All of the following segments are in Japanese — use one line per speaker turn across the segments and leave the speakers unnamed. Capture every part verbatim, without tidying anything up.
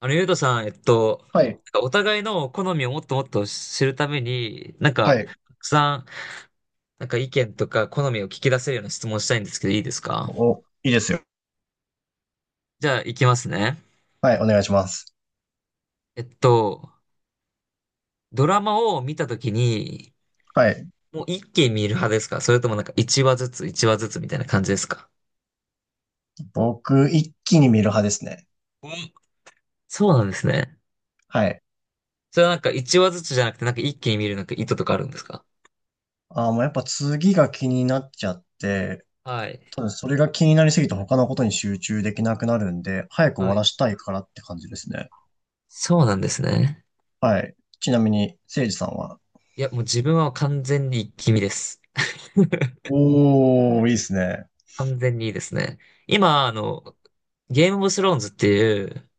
あの、ゆうとさん、えっと、
はい。
なんかお互いの好みをもっともっと知るために、なん
は
か、
い。
たくさん、なんか意見とか好みを聞き出せるような質問したいんですけど、いいですか？
お、いいですよ。
じゃあ、いきますね。
はい。お願いします。
えっと、ドラマを見たときに、
はい。
もう一気に見る派ですか？それともなんか一話ずつ、一話ずつみたいな感じですか？
僕、一気に見る派ですね。
うん、そうなんですね。
はい。
それはなんか一話ずつじゃなくて、なんか一気に見るなんか意図とかあるんですか？
あー、もうやっぱ次が気になっちゃって、
はい。
ただそれが気になりすぎて他のことに集中できなくなるんで、早く終
は
わら
い。
したいからって感じですね。
そうなんですね。
はい。ちなみに、せいじさんは。
いや、もう自分は完全に一気見です。
おー、いいですね。
完全にいいですね。今、あの、ゲームオブスローンズっていう、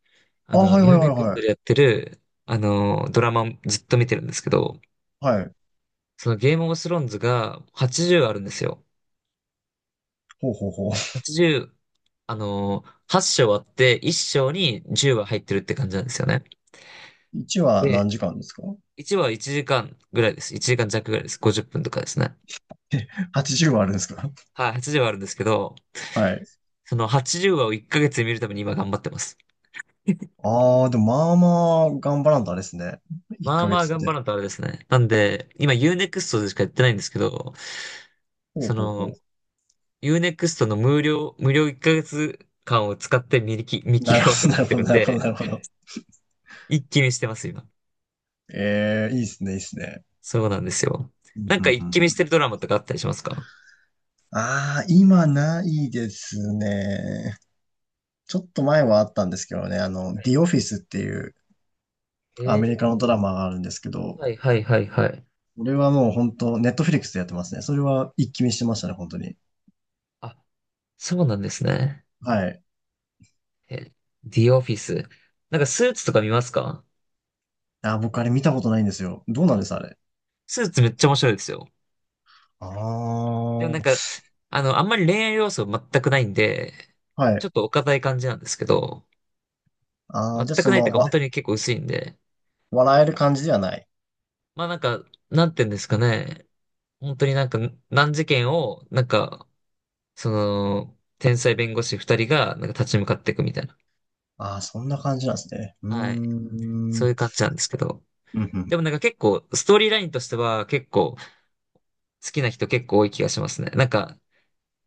あ
あ、
の、
はいは
ユー
いは
ネ
い
クスト
は
で
い。
やってる、あの、ドラマずっと見てるんですけど、
はい。
そのゲームオブスローンズがはちじゅうあるんですよ。
ほうほうほう。
はちじゅう、あの、はっしょう章あっていっしょう章にじゅうは入ってるって感じなんですよね。
いちは
で、
何時間ですか？
いちわはいちじかんぐらいです。いちじかん弱ぐらいです。ごじゅっぷんとかですね。
はちじゅう 話あるんですか？
はい、はちじゅうはあるんですけど、
はい。
そのはちじゅうわをいっかげつで見るために今頑張ってます。
あー、でも、まあまあ頑張らんとあれですね。1
まあ
ヶ
まあ
月っ
頑張
て。
らんとあれですね。なんで、今ユーネクストでしかやってないんですけど、
ほう
そ
ほうほう。
の、ユーネクストの無料、無料いっかげつかんを使って見切見
な
切
るほ
ろうと
ど、
思
な
っ
る
て
ほど、
るん
なるほど、
で、
なるほど。
一気見してます、今。
ええ、いいっすね、いいっすね。
そうなんですよ。
うん
なん
うん
か
う
一
んう
気見してる
ん。
ドラマとかあったりしますか？
ああ、今ないですね。ちょっと前はあったんですけどね、あの、
はい。
The Office っていうアメリカ
え
のドラマがあるんですけ
ー、
ど、
はいはいはいはい。
これはもう本当、ネットフリックスでやってますね。それは一気見してましたね、本当に。
あ、そうなんですね。
はい。
え、The Office。なんかスーツとか見ますか？
あー、僕あれ見たことないんですよ。どうなんで
あ、
す、あれ。
スーツめっちゃ面白いですよ。
ああ、
でもなん
は
か、あの、あんまり恋愛要素全くないんで、ち
い。
ょっとお堅い感じなんですけど、
ああ、
全
じゃあ
く
そ
ないっていう
の、
か
わ、
本当に結構薄いんで、
笑える感じではない。
まあなんか、なんていうんですかね、本当になんか難事件を、なんか、その、天才弁護士二人がなんか立ち向かっていくみたいな。
ああ、そんな感じなんですね。うー
はい。
ん。う
そう
ん
いう感じなんですけど。
う
で
ん。
もなんか結構、ストーリーラインとしては結構好きな人結構多い気がしますね。なんか、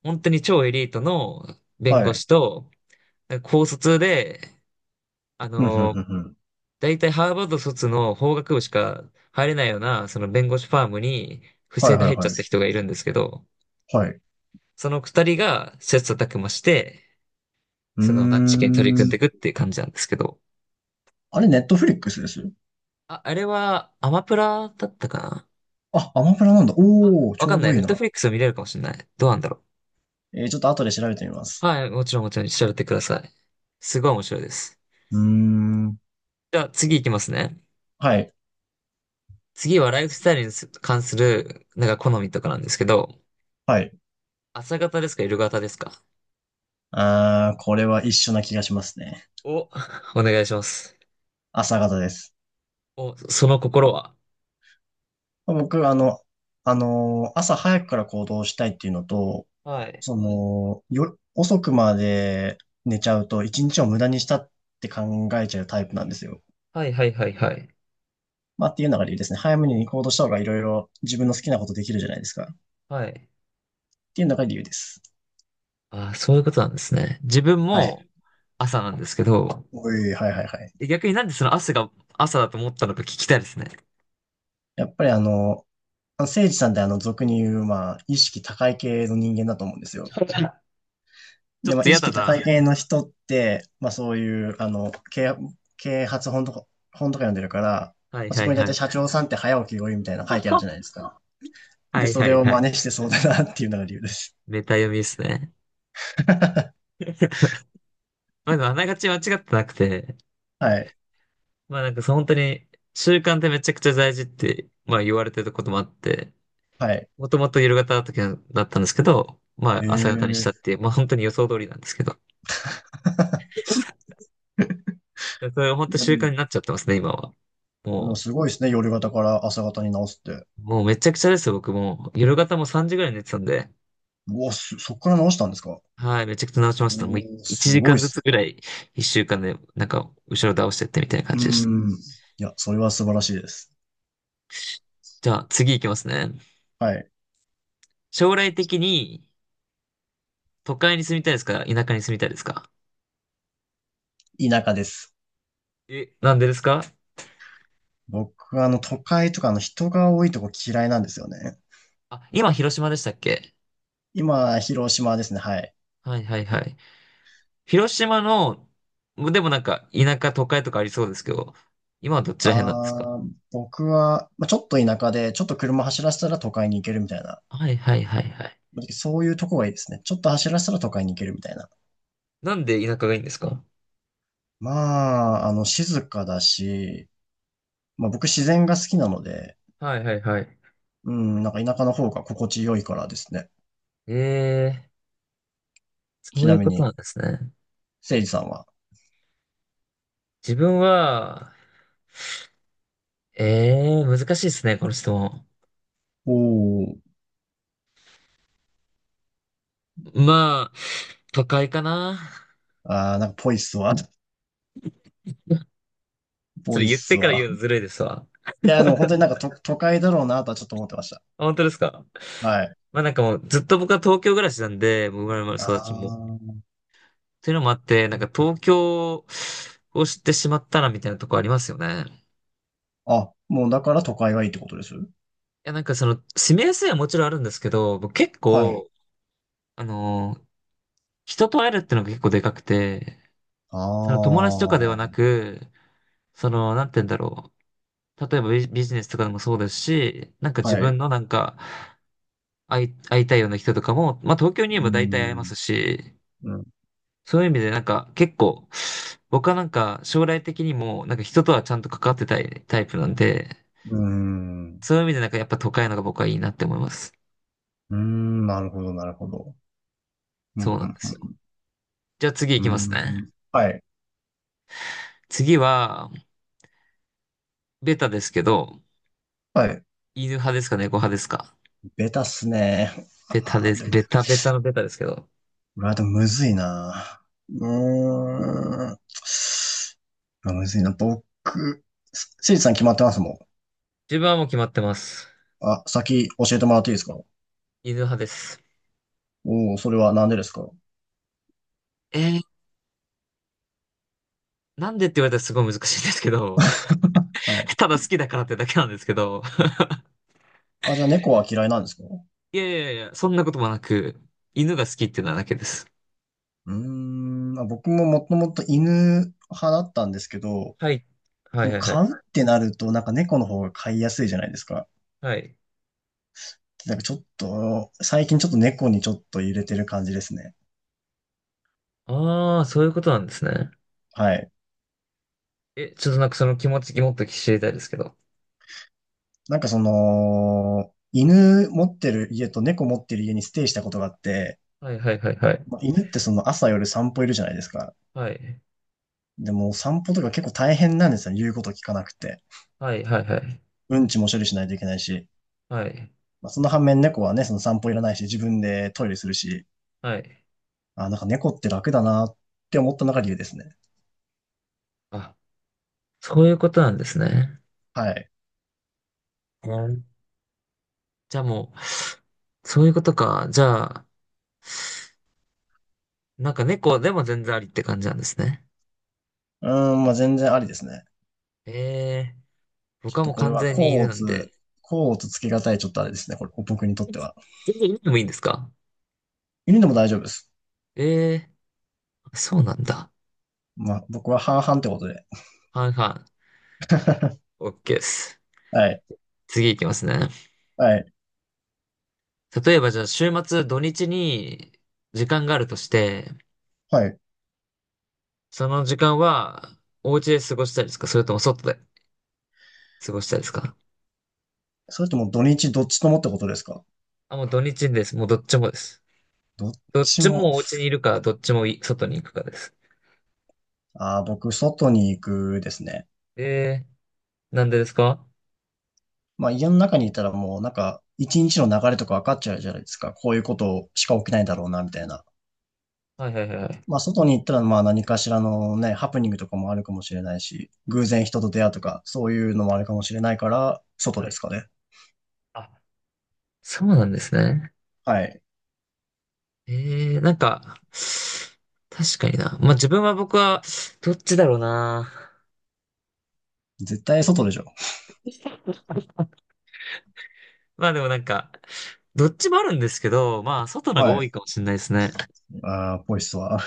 本当に超エリートの弁
は
護
い。
士と、なんか高卒で、あ
うん、うん、う
の
んうん。
大体ハーバード卒の法学部しか入れないような、その弁護士ファームに不
はい、
正で
はい、
入っち
は
ゃ
い。
った人がいるんですけど、
はい。
その二人が切磋琢磨して、
う
その難治験に取り
ー
組んで
ん。
いくっていう感じなんですけど。
あれ、ネットフリックスです？
あ、あれはアマプラだったかな？
あ、アマプラなんだ。おー、
わ
ち
か
ょう
んない。
どい
ネ
い
ットフ
な。
リックス見れるかもしれない。どうなんだろ
えー、ちょっと後で調べてみま
う。
す。
はい、もちろんもちろん調べてください。すごい面白いです。
うーん。
じゃあ次行きますね。
はい、
次はライフスタイルにす関する、なんか好みとかなんですけど、
はい。
朝型ですか、夜型ですか？
あー、これは一緒な気がしますね。
お、お願いします。
朝方です。
お、その心は。
僕、あの、あのー朝早くから行動したいっていうのと、
はい。
その、よ、遅くまで寝ちゃうと一日を無駄にしたって考えちゃうタイプなんですよ。
はいはいはいはい。
まあ、っていうのが理由ですね。早めに行動した方がいろいろ自分の好きなことできるじゃないですか。っ
はい。
ていうのが理由です。
ああ、そういうことなんですね。自分
は
も
い。
朝なんですけど、
おい、はいはいはい。
逆になんでその朝が朝だと思ったのか聞きたいですね。
やっぱりあの、あ誠治さんって、あの俗に言う、まあ、意識高い系の人間だと思うんですよ。
ちょ
で、
っ
ま
と
あ、意
嫌だ
識高い
な。
系の人って、まあそういう、あの、啓啓発本とか、本とか読んでるから、
はい
まあ、そ
は
こ
い
に大
は
体
い。
社長さんって早起きが多いみたいなの書いてあるじゃない ですか。
は
で、
い
そ
は
れ
い
を
はい。
真似してそうだなっていうのが理由です。
メタ読みですね。まあでもあながち間違ってなくて、
はい。
まあなんかその本当に習慣ってめちゃくちゃ大事って、まあ言われてることもあって、
はい。
もともと夜型だったんですけど、ま
ええ
あ朝型にしたっ
ー。
ていう、まあ本当に予想通りなんですけど。やそれ本当習慣になっ ちゃってますね、今は。
でも
も
すごいですね。夜型から朝型に直すって。
う、もうめちゃくちゃですよ、僕も。夜型もさんじぐらいに寝てたんで、
うわ、すそっから直したんですか？
はい、めちゃくちゃ直しました。もうい
おー、
1
す
時
ごいっ
間ず
す。
つぐらい、いっしゅうかんで、なんか、後ろ倒してってみたいな
う
感
ー
じでした。
ん。いや、それは素晴らしいです。
じゃあ、次行きますね。
はい。
将来的に、都会に住みたいですか？田舎に住みたいですか？
田舎です。
え、なんでですか？
僕はあの、都会とか、あの、人が多いとこ嫌いなんですよね。
あ、今、広島でしたっけ？
今、広島ですね。はい。
はいはいはい。広島の、でもなんか、田舎、都会とかありそうですけど、今はどっちら辺なんですか？
あー、僕は、まあ、ちょっと田舎で、ちょっと車走らせたら都会に行けるみたいな。
はいはいはいはい。
そういうとこがいいですね。ちょっと走らせたら都会に行けるみたいな。
なんで田舎がいいんですか？
まあ、あの、静かだし、まあ僕自然が好きなので、
はいはいはい。
うん、なんか田舎の方が心地よいからですね。
ええ、そ
ち
うい
な
う
み
こと
に、
なんですね。
せいじさんは。
自分は、ええ、難しいですね、この質問。
おー。
まあ、都会かな。
ああ、なんかぽいっすわ。
そ
ぽ
れ
いっ
言って
す
から言
わ。
うのずるいですわ。
いや、でも本当になんか都、都会だろうなとはちょっと思ってました。
あ、本当ですか？
はい。
まあなんかもうずっと僕は東京暮らしなんで、もう生まれも育ちも。っ
あ
ていうのもあって、なんか東京を知ってしまったなみたいなとこありますよね。
あ。あ、もうだから都会がいいってことです？
いやなんかその、住みやすいはもちろんあるんですけど、僕結
はい。
構、あのー人と会えるってのが結構でかくて、
あ
その友達とかではな
あ。
く、その、なんて言うんだろう。例えばビジビジネスとかでもそうですし、なんか自
はい。
分のなんか、会い、会いたいような人とかも、まあ東京にい
う
れ
ー
ば大体会えま
ん。
すし、
うん。
そういう意味でなんか結構、僕はなんか将来的にもなんか人とはちゃんと関わってたいタイプなんで、
うーん。
そういう意味でなんかやっぱ都会のが僕はいいなって思います。
うーん。なるほど、なるほど。うん、うん、
そ
う
うなんですよ。じゃあ
ん。う
次行
ー
きますね。
ん。はい。
次は、ベタですけど、
はい。
犬派ですか？猫派ですか？
ベタっすね。
ベタ
あ
で
あ、
す。
でも
ベタベタのベタですけど。
うわ、でもむずいな。うーん。まあ、むずいな。僕、せいじさん決まってますもん。
自分はもう決まってます。
あ、先教えてもらっていいですか？
犬派です。
おおー、それはなんでですか？
えーなんでって言われたらすごい難しいんですけど、
はい。
ただ好きだからってだけなんですけど、
あ、じゃあ猫は嫌いなんですか？
いやいやいや、そんなこともなく、犬が好きっていうのはだけです。
うーん、まあ、僕ももともと犬派だったんですけど、
はい。は
そ
い
の、
はいはい。
飼うってなると、なんか猫の方が飼いやすいじゃないですか。
はい。
なんかちょっと、最近ちょっと猫にちょっと入れてる感じですね。
ああ、そういうことなんですね。
はい。
え、ちょっとなんかその気持ちもっと知りたいですけど。
なんかその、犬持ってる家と猫持ってる家にステイしたことがあって、
はいはいはいはい。
まあ、犬ってその朝夜散歩いるじゃないですか。
はい。
でも散歩とか結構大変なんですよね。言うこと聞かなくて。
はいはいはい。
うんちも処理しないといけないし。
はい。
まあ、その反面猫はね、その散歩いらないし、自分でトイレするし。
はい。
あ、なんか猫って楽だなって思ったのが理由ですね。
あ、そういうことなんですね。
はい。
うん。じゃあもう、そういうことか。じゃあ、なんか猫でも全然ありって感じなんですね。
うーん、まあ全然ありですね。
ええ、
ち
僕
ょっ
は
と
もう
これ
完
は、
全に
甲
犬な
乙、
んで、
甲乙つけがたい、ちょっとあれですね。これ、僕にとっては。
全然海でもいいんですか？
犬でも大丈夫です。
ええー、そうなんだ。
まあ僕は半々ってことで。
はいはい。オッケーです。
はい。
次いきますね。
はい。
例えばじゃあ週末土日に時間があるとして、
はい。
その時間はお家で過ごしたいですか？それとも外で過ごしたいですか？
それとも、う、土日どっちともってことですか？
あ、もう土日です。もうどっちもです。
どっ
どっ
ち
ち
も。
もお家にいるか、どっちもい外に行くかです。
ああ、僕、外に行くですね。
ええー、なんでですか？
まあ、家の中にいたらもう、なんか、一日の流れとか分かっちゃうじゃないですか。こういうことしか起きないだろうな、みたいな。
はいはいはいはい。
まあ、外に行ったら、まあ、何かしらのね、ハプニングとかもあるかもしれないし、偶然人と出会うとか、そういうのもあるかもしれないから、外
は
で
い。
すかね。
あ、そうなんですね。
はい。
ええなんか、確かにな。まあ自分は僕は、どっちだろうな。
絶対外でしょ。
まあでもなんか、どっちもあるんですけど、まあ外のが
は
多
い。
いかもしれないですね。
ああ、ポイスは。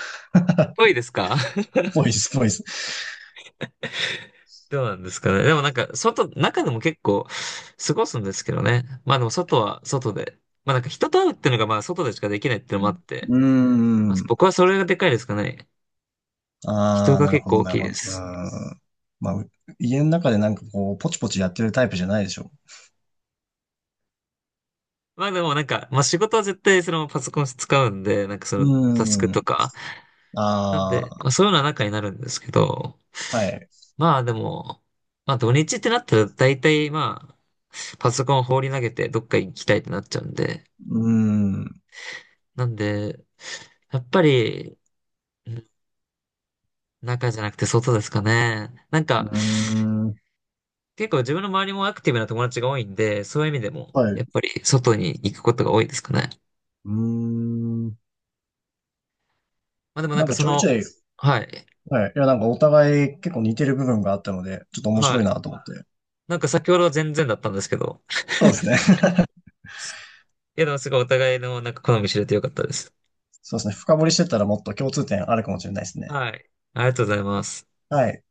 多いですか？
ポイス、ポイス。
どうなんですかね。でもなんか、外、中でも結構過ごすんですけどね。まあでも外は外で。まあなんか人と会うっていうのがまあ外でしかできないっていうのもあって、
うー
まあ、
ん。
僕はそれがでかいですかね。
あ
人
あ、
が
なる
結
ほ
構
ど、
大
なる
きい
ほ
で
ど。うー
す。
ん。まあ、う家の中でなんかこう、ポチポチやってるタイプじゃないでしょ。
まあでもなんか、まあ仕事は絶対そのパソコン使うんで、なんかそのタスク
うー
と
ん。
か、なんで、ま
あ
あ、そういうような中になるんですけど、
あ、はい。
まあでも、まあ土日ってなったら大体まあ、パソコン放り投げてどっか行きたいってなっちゃうんで、
うーん。
なんで、やっぱり、うん、中じゃなくて外ですかね。なん
うー
か、
ん。
結構自分の周りもアクティブな友達が多いんで、そういう意味でも、
はい。
や
う
っぱり外に行くことが多いですかね。
ーん。
まあでもなん
なん
か
か
そ
ちょいち
の、
ょい、
はい、
はい。いや、なんかお互い結構似てる部分があったので、ちょっと面白
は
い
い。
なと思って。
なんか先ほどは全然だったんですけど、
そうですね。
いやでもすごいお互いのなんか好み知れてよかったです。
そうですね。深掘りしてったらもっと共通点あるかもしれないですね。
はい。ありがとうございます。
はい。